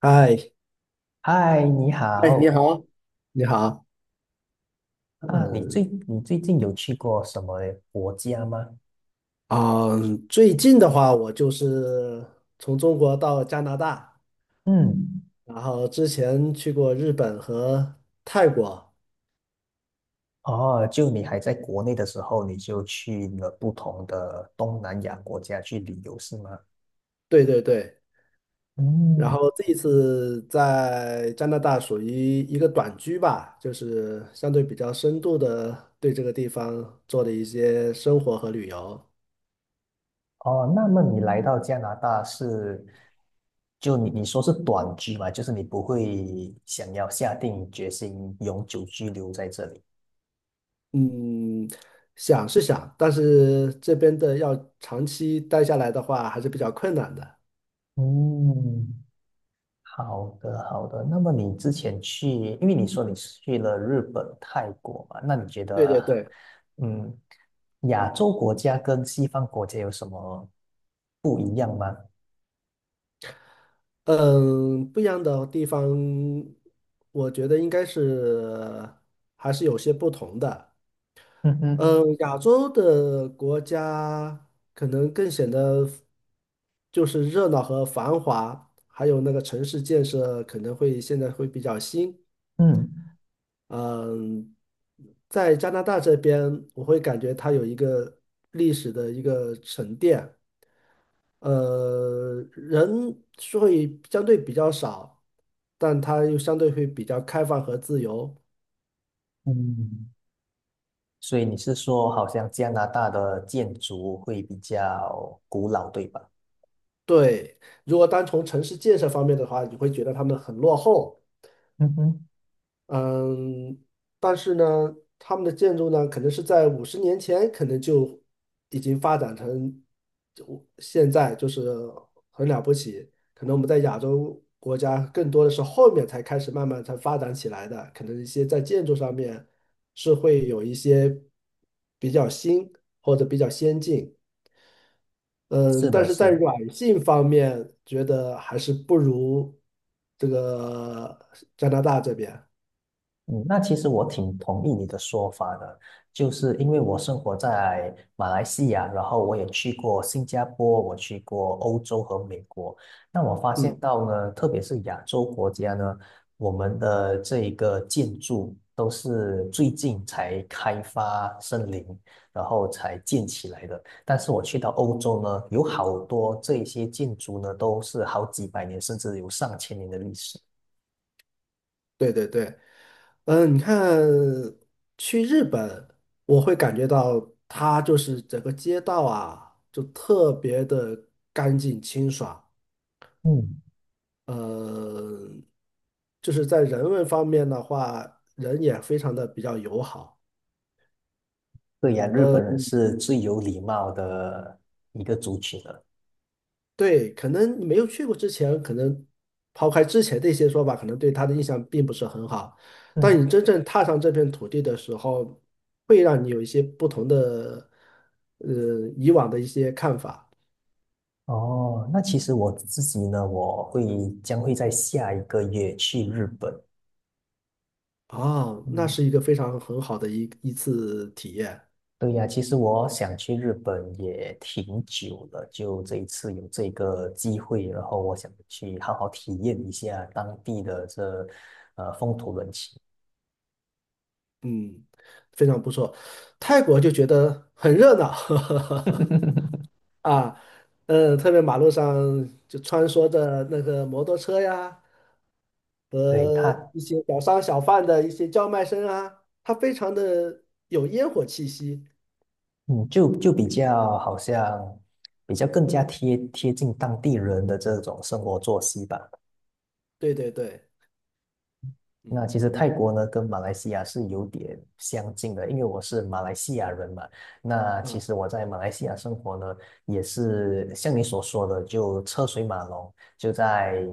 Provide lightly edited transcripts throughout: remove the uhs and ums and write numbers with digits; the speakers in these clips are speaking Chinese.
嗨，嗨，你哎，你好好，你好，啊！你最嗯你最近有去过什么国家吗？啊，最近的话，我就是从中国到加拿大，嗯，然后之前去过日本和泰国。哦，就你还在国内的时候，你就去了不同的东南亚国家去旅游，是吗？对对对，然嗯，后这一次在加拿大属于一个短居吧，就是相对比较深度的对这个地方做的一些生活和旅游。哦，那么你来到加拿大是，就你说是短居嘛，就是你不会想要下定决心永久居留在这里。嗯，想是想，但是这边的要长期待下来的话，还是比较困难的。嗯。好的，好的。那么你之前去，因为你说你是去了日本、泰国嘛，那你觉对对得，对。嗯，亚洲国家跟西方国家有什么不一样吗？嗯，不一样的地方，我觉得应该是还是有些不同的。嗯哼，嗯，亚洲的国家可能更显得就是热闹和繁华，还有那个城市建设可能会现在会比较新。嗯嗯，在加拿大这边，我会感觉它有一个历史的一个沉淀。人是会相对比较少，但它又相对会比较开放和自由。嗯。所以你是说，好像加拿大的建筑会比较古老，对吧？对，如果单从城市建设方面的话，你会觉得他们很落后。嗯哼，嗯，但是呢，他们的建筑呢，可能是在50年前，可能就已经发展成就现在，就是很了不起。可能我们在亚洲国家，更多的是后面才开始慢慢才发展起来的。可能一些在建筑上面是会有一些比较新或者比较先进，嗯，是但的，是在是的。软性方面，觉得还是不如这个加拿大这边。嗯，那其实我挺同意你的说法的，就是因为我生活在马来西亚，然后我也去过新加坡，我去过欧洲和美国。那我发现嗯。到呢，特别是亚洲国家呢，我们的这一个建筑都是最近才开发森林，然后才建起来的。但是我去到欧洲呢，有好多这一些建筑呢，都是好几百年甚至有上千年的历史。对对对，嗯，你看去日本，我会感觉到它就是整个街道啊，就特别的干净清爽。嗯，呃，就是在人文方面的话，人也非常的比较友好。对呀，日本人是最有礼貌的一个族群了。对，可能你没有去过之前，可能抛开之前的一些说法，可能对他的印象并不是很好。当嗯，你真正踏上这片土地的时候，会让你有一些不同的，呃，以往的一些看法。哦，那其实我自己呢，我会将会在下一个月去日本。啊，那嗯，是一个非常很好的一次体验。对呀，其实我想去日本也挺久了，就这一次有这个机会，然后我想去好好体验一下当地的这风土人情。嗯，非常不错。泰国就觉得很热闹，啊，嗯，特别马路上就穿梭着那个摩托车呀，对，和它，一些小商小贩的一些叫卖声啊，它非常的有烟火气息。嗯，就就比较好像比较更加贴近当地人的这种生活作息吧。对对对，那嗯其实泰国呢跟马来西亚是有点相近的，因为我是马来西亚人嘛。那其啊实我在马来西亚生活呢，也是像你所说的，就车水马龙，就在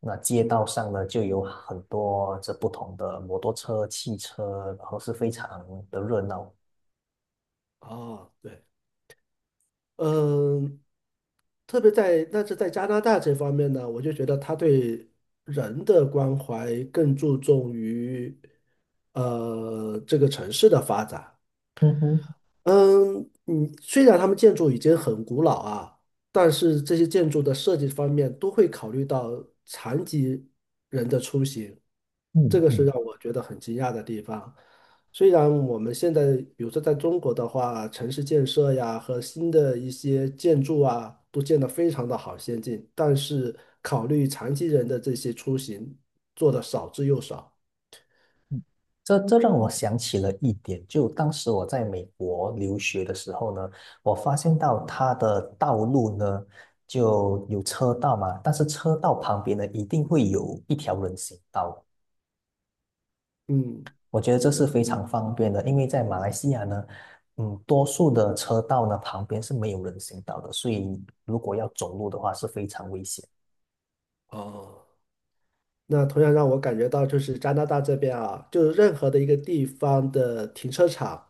那街道上呢，就有很多这不同的摩托车、汽车，然后是非常的热闹。哦对。嗯，特别在但是在加拿大这方面呢，我就觉得他对人的关怀更注重于这个城市的发展。嗯哼，嗯，嗯，虽然他们建筑已经很古老啊，但是这些建筑的设计方面都会考虑到残疾人的出行，这嗯个是嗯。让我觉得很惊讶的地方。虽然我们现在，比如说在中国的话，城市建设呀和新的一些建筑啊，都建得非常的好先进，但是考虑残疾人的这些出行做的少之又少。这这让我想起了一点，就当时我在美国留学的时候呢，我发现到它的道路呢就有车道嘛，但是车道旁边呢一定会有一条人行道，嗯。我觉得这是非常方便的，因为在马来西亚呢，嗯，多数的车道呢旁边是没有人行道的，所以如果要走路的话是非常危险。哦。那同样让我感觉到，就是加拿大这边啊，就是任何的一个地方的停车场，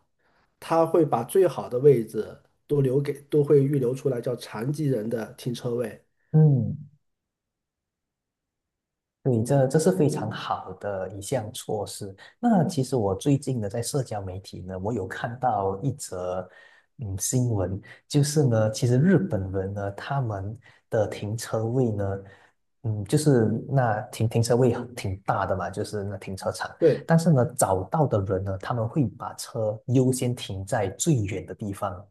它会把最好的位置都留给，都会预留出来，叫残疾人的停车位。嗯。对，这这是非常好的一项措施。那其实我最近呢，在社交媒体呢，我有看到一则嗯新闻，就是呢，其实日本人呢，他们的停车位呢，嗯，就是那停车位挺大的嘛，就是那停车场，对。但是呢，找到的人呢，他们会把车优先停在最远的地方，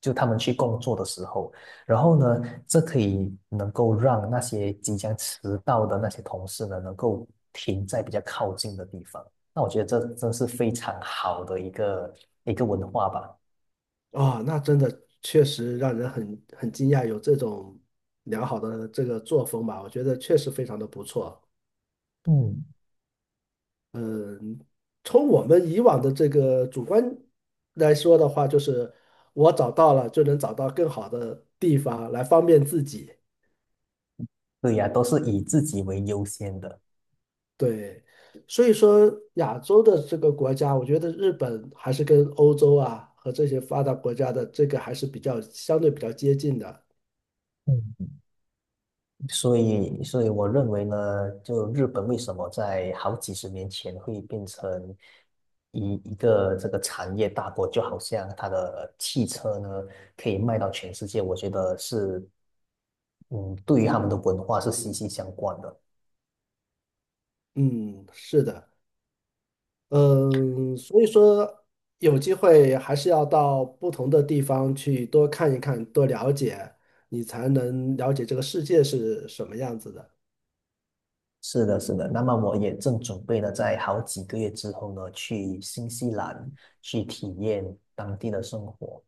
就他们去工作的时候。然后呢，这可以能够让那些即将迟到的那些同事呢，能够停在比较靠近的地方。那我觉得这真是非常好的一个文化吧。啊，那真的确实让人很惊讶，有这种良好的这个作风吧，我觉得确实非常的不错。嗯，从我们以往的这个主观来说的话，就是我找到了就能找到更好的地方来方便自己。对呀，都是以自己为优先的。对，所以说亚洲的这个国家，我觉得日本还是跟欧洲啊和这些发达国家的这个还是比较相对比较接近的。嗯，所以，所以我认为呢，就日本为什么在好几十年前会变成一个这个产业大国，就好像它的汽车呢可以卖到全世界，我觉得是嗯，对于他们的文化是息息相关的。嗯，是的。嗯，所以说有机会还是要到不同的地方去多看一看，多了解，你才能了解这个世界是什么样子的。是的，是的。那么我也正准备呢，在好几个月之后呢，去新西兰去体验当地的生活。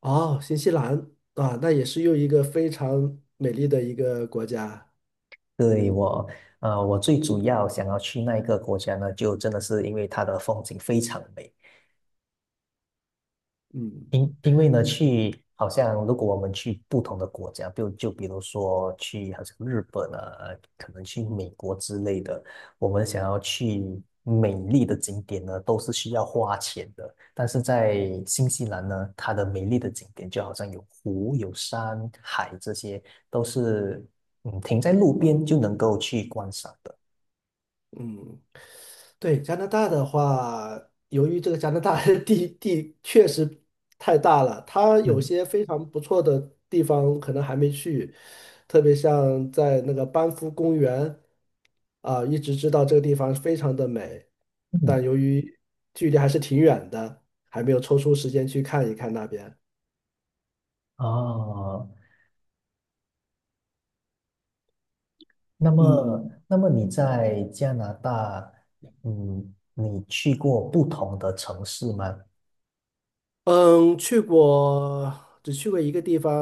哦，新西兰啊，那也是又一个非常美丽的一个国家。对，我，我最主要想要去那一个国家呢，就真的是因为它的风景非常美，嗯。因因为呢，去好像如果我们去不同的国家，就比如说去好像日本啊，可能去美国之类的，我们想要去美丽的景点呢，都是需要花钱的。但是在新西兰呢，它的美丽的景点就好像有湖、有山、海这些，都是嗯停在路边就能够去观赏的。嗯，对，加拿大的话，由于这个加拿大的 地确实太大了，它有嗯些非常不错的地方可能还没去，特别像在那个班夫公园啊，一直知道这个地方非常的美，嗯，但由于距离还是挺远的，还没有抽出时间去看一看那边。哦，那么，嗯那么你在加拿大，嗯，你去过不同的城市吗？嗯，去过，只去过一个地方，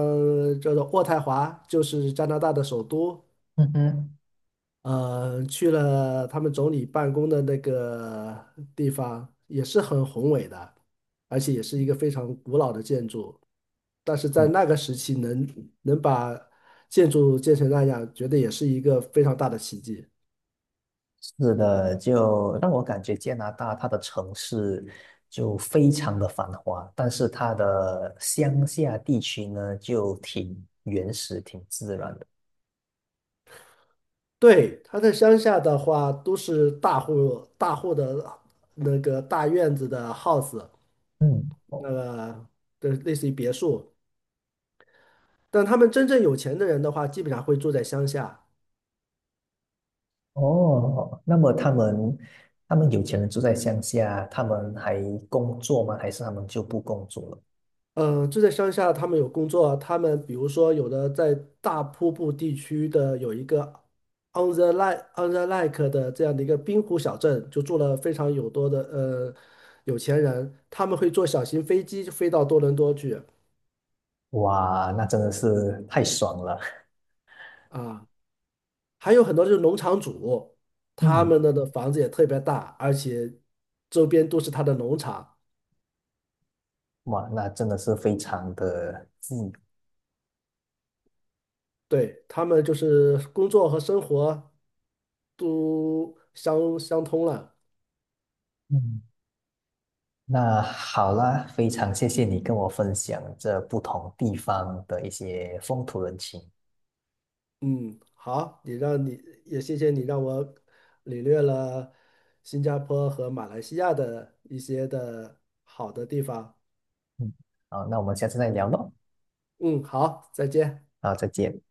叫做渥太华，就是加拿大的首都。嗯哼，去了他们总理办公的那个地方，也是很宏伟的，而且也是一个非常古老的建筑。但是在嗯，那个时期能把建筑建成那样，觉得也是一个非常大的奇迹。是的，就让我感觉加拿大它的城市就非常的繁华，但是它的乡下地区呢就挺原始、挺自然的。对，他在乡下的话，都是大户大户的那个大院子的 house，嗯，哦，那个的类似于别墅。但他们真正有钱的人的话，基本上会住在乡下。哦，那么他们他们有钱人住在乡下，他们还工作吗？还是他们就不工作了？住在乡下，他们有工作啊，他们比如说有的在大瀑布地区的有一个 On the Lake 的这样的一个滨湖小镇，就住了非常有多的有钱人，他们会坐小型飞机飞到多伦多去哇，那真的是太爽了！啊，还有很多就是农场主，他嗯，们的的房子也特别大，而且周边都是他的农场，哇，那真的是非常的近。对，他们就是工作和生活都相通了。嗯，那好啦，非常谢谢你跟我分享这不同地方的一些风土人情。嗯，好，你也谢谢你让我领略了新加坡和马来西亚的一些的好的地方。嗯，好，那我们下次再聊喽。嗯，好，再见。好，再见。